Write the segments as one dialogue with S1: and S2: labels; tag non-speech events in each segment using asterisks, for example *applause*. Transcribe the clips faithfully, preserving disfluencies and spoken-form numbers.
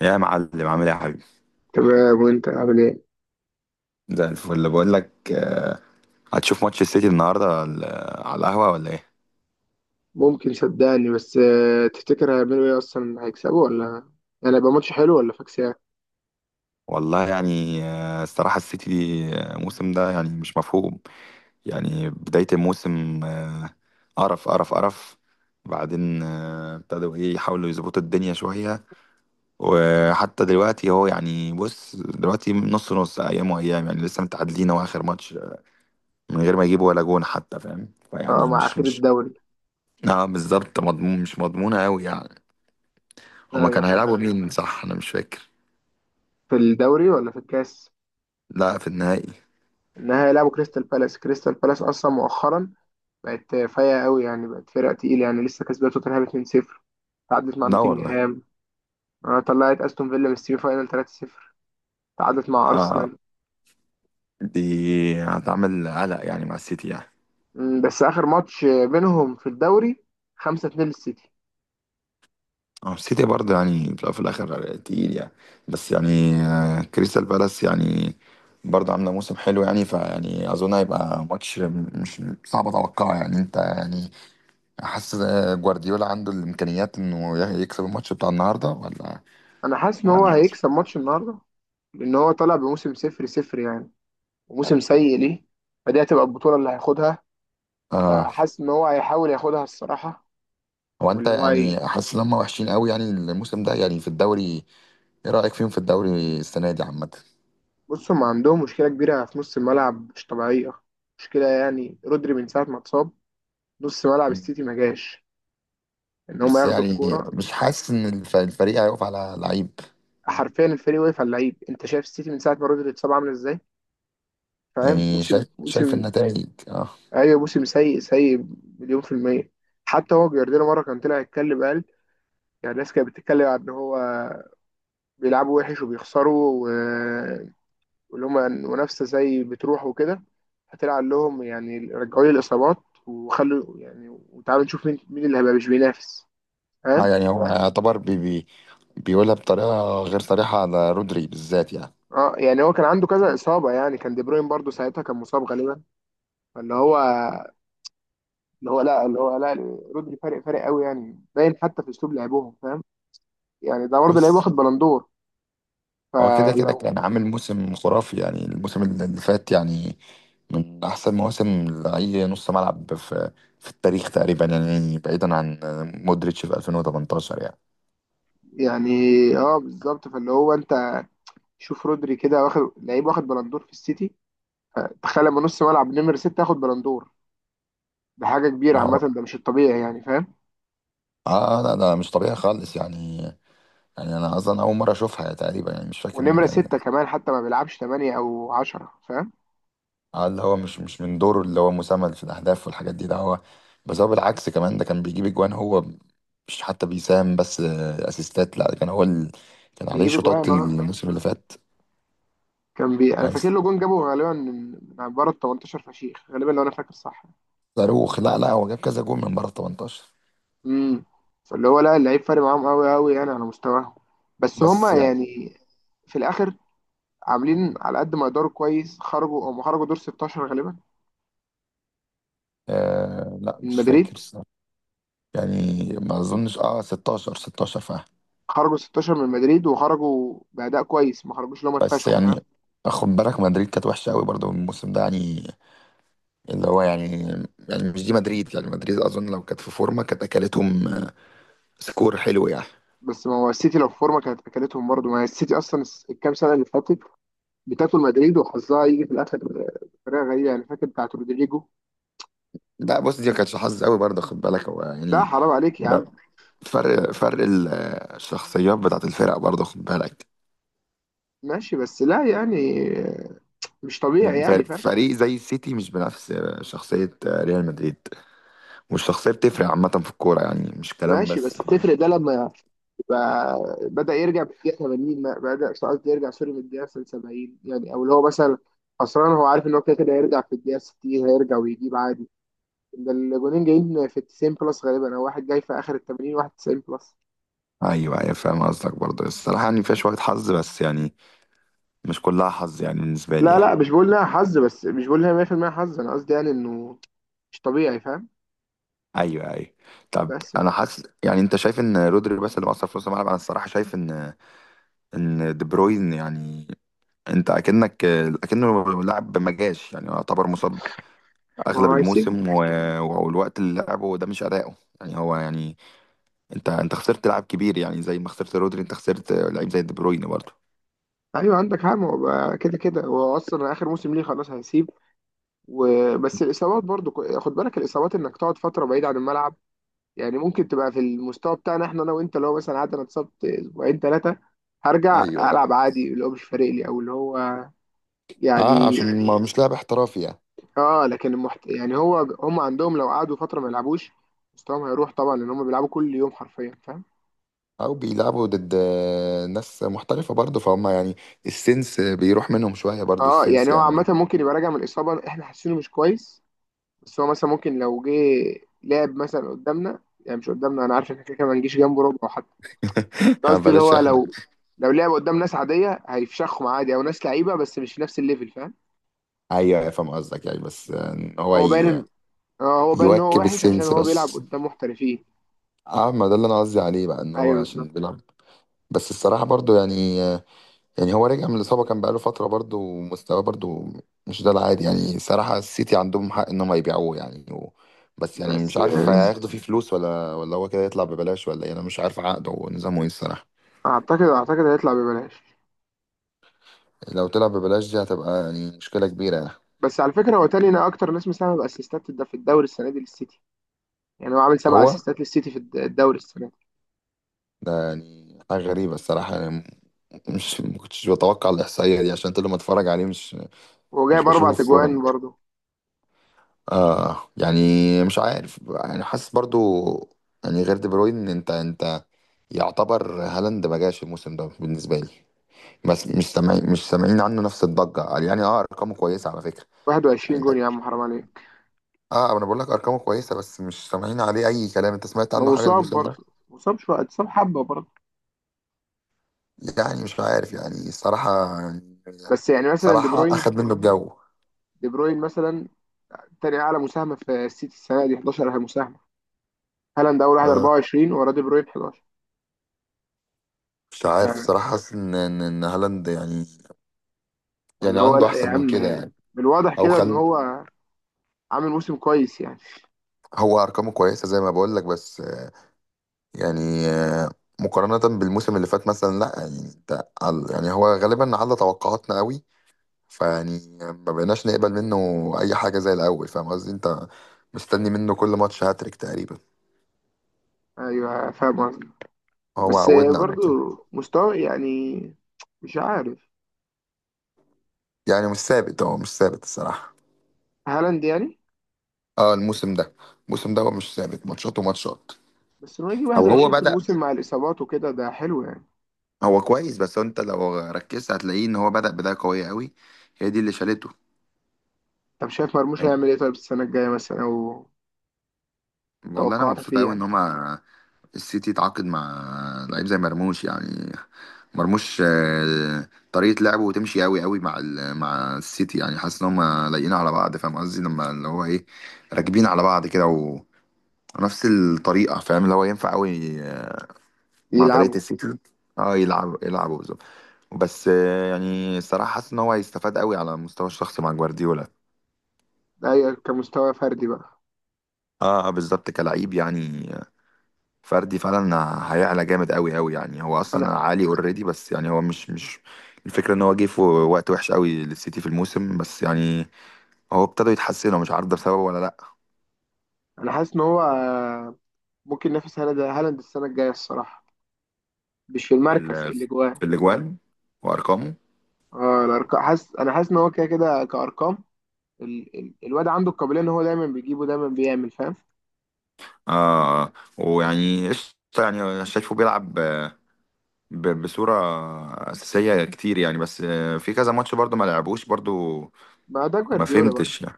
S1: يا معلم، عامل ايه يا حبيبي؟
S2: تمام، وانت عامل ايه؟
S1: زي الفل. بقول لك آه، هتشوف ماتش السيتي النهارده على على القهوه ولا ايه؟
S2: ممكن صدقني بس آه، تفتكر هيعملوا ايه اصلا؟ هيكسبوا ولا يعني هيبقى ماتش حلو ولا فاكسيا؟
S1: والله يعني، آه، الصراحه السيتي دي، آه، الموسم ده يعني مش مفهوم. يعني بدايه الموسم، آه، قرف قرف قرف. بعدين آه، ابتدوا ايه يحاولوا يظبطوا الدنيا شويه. وحتى دلوقتي هو يعني، بص دلوقتي نص نص، ايام وايام يعني لسه متعادلين هو اخر ماتش من غير ما يجيبوا ولا جون حتى، فاهم؟
S2: اه،
S1: فيعني
S2: مع
S1: مش
S2: اخير
S1: مش
S2: الدوري.
S1: اه بالظبط، مضمون مش مضمونة أوي يعني. هما
S2: ايوه،
S1: كانوا
S2: فاهم.
S1: هيلعبوا مين؟ صح، انا مش فاكر.
S2: في الدوري ولا في الكاس؟
S1: لا، في النهائي.
S2: انها هيلعبوا كريستال بالاس. كريستال بالاس اصلا مؤخرا بقت آه، فايقه قوي، يعني بقت فرقه تقيله، يعني لسه كسبت توتنهام اتنين صفر، تعادلت مع
S1: لا والله.
S2: نوتنجهام، آه، طلعت استون فيلا من السيمي فاينال تلاتة صفر، تعادلت مع
S1: آه،
S2: ارسنال.
S1: دي هتعمل قلق يعني مع السيتي يعني.
S2: مم، بس اخر ماتش آه، بينهم في الدوري خمسة اتنين للسيتي.
S1: اه، السيتي برضه يعني في الأول وفي الاخر تقيل يعني. بس يعني آه، كريستال بالاس يعني برضه عامله موسم حلو يعني. فيعني اظن هيبقى ماتش مش صعب اتوقعه يعني. انت يعني حاسس، آه، جوارديولا عنده الامكانيات انه يكسب الماتش بتاع النهارده ولا
S2: انا حاسس ان هو
S1: ولا؟
S2: هيكسب ماتش النهارده، لان هو طالع بموسم صفر صفر يعني، وموسم سيء ليه، فدي هتبقى البطوله اللي هياخدها،
S1: آه.
S2: فحاسس ان هو هيحاول ياخدها الصراحه.
S1: هو انت
S2: واللي هو هي...
S1: يعني حاسس ان هم وحشين قوي يعني الموسم ده يعني في الدوري؟ ايه رأيك فيهم في الدوري السنة دي عامة؟
S2: بص، هم عندهم مشكله كبيره في نص الملعب مش طبيعيه. مشكله يعني رودري، من ساعه ما اتصاب نص ملعب السيتي ما جاش ان هم
S1: بس
S2: ياخدوا
S1: يعني
S2: الكوره.
S1: مش حاسس ان الف- الفريق هيقف على لعيب.
S2: حرفيا الفريق واقف على اللعيب، انت شايف السيتي من ساعه ما رودري اتصاب عامل ازاي؟ فاهم،
S1: يعني
S2: موسم
S1: شايف شايف
S2: موسم.
S1: النتائج، اه.
S2: ايوه، موسم سيء سيء، مليون في الميه. حتى هو جوارديولا مره كان طلع يتكلم، قال يعني الناس كانت بتتكلم عن ان هو بيلعبوا وحش وبيخسروا و- واللي هما منافسة زي بتروح وكده، هتلعب لهم يعني، رجعوا لي الإصابات وخلوا يعني، وتعالوا نشوف مين مين اللي هيبقى مش بينافس.
S1: آه،
S2: فاهم؟
S1: يعني هو يعتبر بي بي بيقولها بطريقة غير صريحة على رودري بالذات يعني.
S2: اه يعني هو كان عنده كذا إصابة، يعني كان دي بروين برضه ساعتها كان مصاب غالبا، فاللي هو اللي هو لا اللي هو لا رودري فارق فارق قوي يعني، باين حتى في أسلوب لعبهم. فاهم؟ يعني ده برضه لعيب
S1: بص،
S2: واخد بلندور،
S1: هو كده كده
S2: فلو.
S1: كان عامل موسم خرافي يعني. الموسم اللي فات يعني من أحسن مواسم لأي نص ملعب في في التاريخ تقريبا، يعني بعيدا عن مودريتش في ألفين وتمنتاشر يعني.
S2: يعني اه، بالظبط. فاللي هو انت شوف رودري كده، واخد لعيب واخد بلندور في السيتي، تخيل لما نص ملعب نمرة ستة ياخد بلندور، ده حاجة كبيرة عامة،
S1: أهو.
S2: ده مش الطبيعي يعني. فاهم؟
S1: اه لا، ده مش طبيعي خالص يعني. يعني انا اصلا اول مره اشوفها يعني تقريبا، يعني مش فاكر
S2: ونمرة
S1: إن-
S2: ستة كمان حتى ما بيلعبش تمانية أو عشرة. فاهم؟
S1: اه، اللي هو مش مش من دوره، اللي هو مساهم في الاهداف والحاجات دي، ده هو. بس هو بالعكس، كمان ده كان بيجيب اجوان هو. مش حتى بيساهم بس آه، اسيستات، لا، ده كان هو ال... كان عليه
S2: بيجيب
S1: شوطات
S2: جوان، اه
S1: الموسم اللي فات،
S2: كان بي. أنا
S1: يعني
S2: فاكر له جون جابه غالبا من من بره ال ثمانية عشر، فشيخ غالبا لو أنا فاكر صح.
S1: صاروخ. لا لا، هو جاب كذا جول من بره تمنتاشر.
S2: امم. فاللي هو لا، اللعيب فارق معاهم أوي أوي يعني، على مستواهم بس
S1: بس
S2: هما
S1: يعني،
S2: يعني في الآخر عاملين على قد ما يقدروا كويس. خرجوا، هم خرجوا دور ستاشر غالبا
S1: آه لا،
S2: من
S1: مش فاكر
S2: مدريد،
S1: الصراحة. يعني ما اظنش، اه، ستاشر ستاشر فعلا.
S2: خرجوا ستاشر من مدريد وخرجوا بأداء كويس، ما خرجوش اللي هم
S1: بس
S2: اتفشخوا. فاهم؟
S1: يعني خد بالك مدريد كانت وحشه قوي برضو الموسم ده يعني. اللي هو يعني يعني مش دي مدريد يعني. مدريد اظن لو كانت في فورمه كانت اكلتهم سكور حلو يعني.
S2: بس ما هو السيتي لو في فورمه كانت اكلتهم برضه، ما هي السيتي اصلا الس- الكام سنه اللي فاتت بتاكل مدريد، وحظها يجي في الاخر بطريقه غريبه يعني، فاكر بتاعت رودريجو.
S1: لا بص، دي ما كانتش حظ قوي برضه، خد بالك. هو
S2: لا،
S1: يعني،
S2: حرام عليك يا عم.
S1: ده فرق فرق الشخصيات بتاعت الفرق برضه، خد بالك.
S2: ماشي، بس لا، يعني مش طبيعي
S1: ف-
S2: يعني. فاهم؟
S1: فريق زي السيتي مش بنفس شخصية ريال مدريد، والشخصية بتفرق عامة في الكورة يعني، مش كلام
S2: ماشي، بس
S1: بس، فاهم؟
S2: تفرق ده لما يبقى بدأ يرجع في الدقيقة تمانين، ما- بدأ قصدي يرجع، سوري، من الدقيقة سبعين يعني، او اللي هو مثلا خسران هو عارف ان هو كده كده هيرجع، في الدقيقة ستين هيرجع ويجيب عادي. ده الجونين جايين في تسعين بلس غالبا، او واحد جاي في اخر ال تمانين واحد تسعين بلس.
S1: أيوة أيوة، فاهم قصدك. برضه الصراحة يعني فيها شوية حظ، بس يعني مش كلها حظ يعني، بالنسبة لي
S2: لا
S1: يعني.
S2: لا، مش بقول لها حظ بس، مش بقول لها مية في المية حظ. انا قصدي يعني انه مش طبيعي. فاهم؟
S1: أيوة أيوة. طب
S2: بس
S1: أنا حاسس يعني، أنت شايف إن رودري بس اللي مأثر في نص الملعب؟ أنا الصراحة شايف إن إن دي بروين يعني، أنت أكنك أكنه لاعب ما جاش، يعني يعتبر مصاب
S2: ما
S1: أغلب
S2: هو هيسيب.
S1: الموسم و- والوقت اللي لعبه ده مش أداؤه يعني. هو يعني انت انت خسرت لاعب كبير يعني. زي ما خسرت رودري، انت خسرت لعيب زي دي بروين برضه.
S2: ايوه، عندك حق، ما هو بقى كده كده هو اصلا اخر موسم ليه خلاص، هيسيب. وبس الاصابات برضو ك- خد بالك الاصابات، انك تقعد فتره بعيد عن الملعب، يعني ممكن تبقى في المستوى بتاعنا احنا انا وانت. لو مثلا قعدت انا، اتصبت اسبوعين ثلاثه، هرجع
S1: ايوه.
S2: العب عادي، اللي هو مش فارق لي، او اللي هو
S1: اه،
S2: يعني.
S1: عشان ما مش لاعب احترافي يعني.
S2: اه، لكن المحت... يعني هو هم عندهم لو قعدوا فتره ما يلعبوش، مستواهم هيروح طبعا، لان هم بيلعبوا كل يوم حرفيا.
S1: او بيلعبوا ضد، آه، ناس محترفه برضه، فهم يعني. السنس بيروح منهم شويه برضه،
S2: اه
S1: السنس
S2: يعني هو عامة
S1: يعني.
S2: ممكن يبقى راجع من إصابة احنا حاسينه مش كويس، بس هو مثلا ممكن لو جه لعب مثلا قدامنا، يعني مش قدامنا، انا عارف ان احنا كده كده ما نجيش جنبه ربع حتى.
S1: *laughs*
S2: قصدي اللي
S1: بلاش
S2: هو
S1: احنا.
S2: لو لو لعب قدام ناس عادية هيفشخهم عادي، او ناس لعيبة بس مش في نفس الليفل. فاهم؟
S1: ايوه أيوة، فاهم قصدك يعني. بس، آه، ان هو
S2: هو
S1: ي-
S2: باين، اه هو باين ان هو
S1: يواكب
S2: وحش عشان
S1: السنس
S2: هو بيلعب
S1: بس.
S2: قدام محترفين.
S1: اه، ما ده اللي انا قصدي عليه بقى، ان هو
S2: ايوه،
S1: عشان
S2: بالظبط.
S1: بيلعب. بس الصراحه برضه يعني، يعني هو رجع من الإصابة كان بقاله فترة، برضه ومستواه برضه مش ده العادي يعني. صراحة السيتي عندهم حق إنهم هيبيعوه يعني و... بس يعني مش
S2: بس
S1: عارف
S2: آه،
S1: هياخدوا فيه فلوس ولا ولا هو كده يطلع ببلاش، ولا إيه؟ أنا مش عارف عقده ونظامه إيه الصراحة.
S2: اعتقد اعتقد هيطلع ببلاش.
S1: لو طلع ببلاش دي هتبقى يعني مشكلة كبيرة يعني.
S2: بس على فكرة، هو تاني انا اكتر ناس مساهمة باسيستات الد- في الدوري السنة دي للسيتي، يعني هو عامل سبع
S1: هو
S2: اسيستات للسيتي في الد- الدوري السنة دي،
S1: ده يعني حاجة غريبة الصراحة يعني. مش، ما كنتش بتوقع الإحصائية دي، عشان كل ما أتفرج عليه مش مش
S2: وجايب اربع
S1: بشوفه في فورم.
S2: تجوان برضه،
S1: آه يعني مش عارف يعني، حاسس برضو يعني، غير دي بروين. أنت أنت يعتبر هالاند ما جاش الموسم ده بالنسبه لي. بس مش سامعين مش سامعين عنه نفس الضجه يعني. اه، ارقامه كويسه على فكره يعني،
S2: واحد وعشرين
S1: انت.
S2: جون يا عم، حرام عليك.
S1: اه انا بقول لك ارقامه كويسه، بس مش سامعين عليه اي كلام. انت سمعت
S2: ما
S1: عنه حاجه
S2: مصاب،
S1: الموسم ده؟
S2: برضه مصاب شويه، اتصاب حبه برضه.
S1: يعني مش عارف يعني الصراحه.
S2: بس يعني مثلا دي
S1: صراحه
S2: بروين،
S1: اخد منه الجو.
S2: دي بروين مثلا تاني اعلى مساهمه في السيتي السنه دي أحد عشر مساهمه. هالاند اول واحد
S1: اه،
S2: اربعة وعشرين، وراه دي بروين أحد عشر.
S1: مش عارف
S2: ف-
S1: الصراحه، حاسس ان ان إن هالاند يعني،
S2: فاللي
S1: يعني
S2: هو
S1: عنده
S2: لا يا
S1: احسن من كده
S2: عم،
S1: يعني.
S2: بالواضح
S1: او
S2: كده ان
S1: خل
S2: هو عامل موسم كويس يعني.
S1: هو ارقامه كويسه، زي ما بقول لك. بس يعني آه، مقارنة بالموسم اللي فات مثلا لا يعني. انت عل- يعني هو غالبا على توقعاتنا قوي، فيعني ما بقيناش نقبل منه اي حاجة زي الاول، فاهم قصدي؟ انت مستني منه كل ماتش هاتريك تقريبا،
S2: ايوه، فاهم قصدي،
S1: هو
S2: بس
S1: عودنا على
S2: برضه
S1: كده.
S2: مستوى يعني مش عارف،
S1: يعني مش ثابت، هو مش ثابت الصراحة.
S2: هالاند يعني.
S1: اه الموسم ده، الموسم ده هو مش ثابت، ماتشات وماتشات.
S2: بس انه يجي
S1: او هو
S2: واحد وعشرين في
S1: بدأ
S2: الموسم مع الاصابات وكده ده حلو يعني.
S1: هو كويس، بس انت لو ركزت هتلاقيه ان هو بدأ بداية قوية قوي، هي دي اللي شالته.
S2: طب شايف مرموش
S1: يعني
S2: هيعمل ايه طيب السنه الجايه مثلا، او
S1: والله انا
S2: توقعاتك
S1: مبسوط
S2: ليه
S1: قوي ان
S2: يعني؟
S1: هما السيتي يتعاقد مع لعيب زي مرموش يعني. مرموش، آه، طريقة لعبه تمشي قوي قوي مع ال- مع السيتي يعني. حاسس ان هم لايقين على بعض، فاهم قصدي؟ لما اللي هو، ايه، راكبين على بعض كده و- ونفس الطريقة. فاهم اللي هو ينفع قوي مع طريقة
S2: يلعبوا.
S1: السيتي. اه، يلعب يلعبوا بالظبط. بس آه، يعني الصراحة حاسس ان هو هيستفاد قوي على المستوى الشخصي مع جوارديولا.
S2: اي كمستوى فردي بقى.
S1: اه بالظبط، كلعيب يعني، فردي فعلا. هيعلى جامد قوي قوي يعني. هو اصلا
S2: انا
S1: عالي اوريدي، بس يعني هو مش مش الفكره ان هو جه في وقت وحش قوي للسيتي في الموسم، بس يعني هو ابتدوا يتحسنوا مش عارف ده بسببه ولا لا.
S2: انا حاسس ان هو آه، ممكن ينافس هالاند، هالاند السنه الجايه الصراحه، مش في
S1: في
S2: المركز، في
S1: ال-
S2: الاجوان.
S1: في الاجوان وارقامه.
S2: اه الارقام، حاسس، انا حاسس ان هو كده كده كارقام، ال... ال... الواد عنده القابليه ان هو دايما بيجيبه، دايما بيعمل. فاهم؟
S1: آه، ويعني قشطه. يعني أنا شايفه بيلعب، آه، ب- بصوره اساسيه كتير يعني. بس آه، في كذا ماتش برضو ما لعبوش برضو،
S2: ما ده
S1: ما
S2: جوارديولا
S1: فهمتش
S2: بقى.
S1: يعني.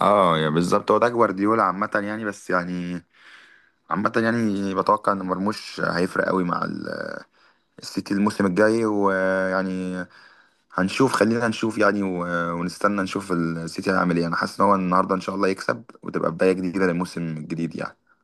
S1: اه يعني بالظبط، هو ده جوارديولا عامه يعني. بس يعني عامة، يعني بتوقع ان مرموش هيفرق قوي مع ال- السيتي الموسم الجاي، ويعني هنشوف. خلينا نشوف يعني، و- ونستنى نشوف السيتي هيعمل ايه. انا حاسس ان هو النهارده ان شاء الله يكسب وتبقى بداية جديدة للموسم الجديد يعني.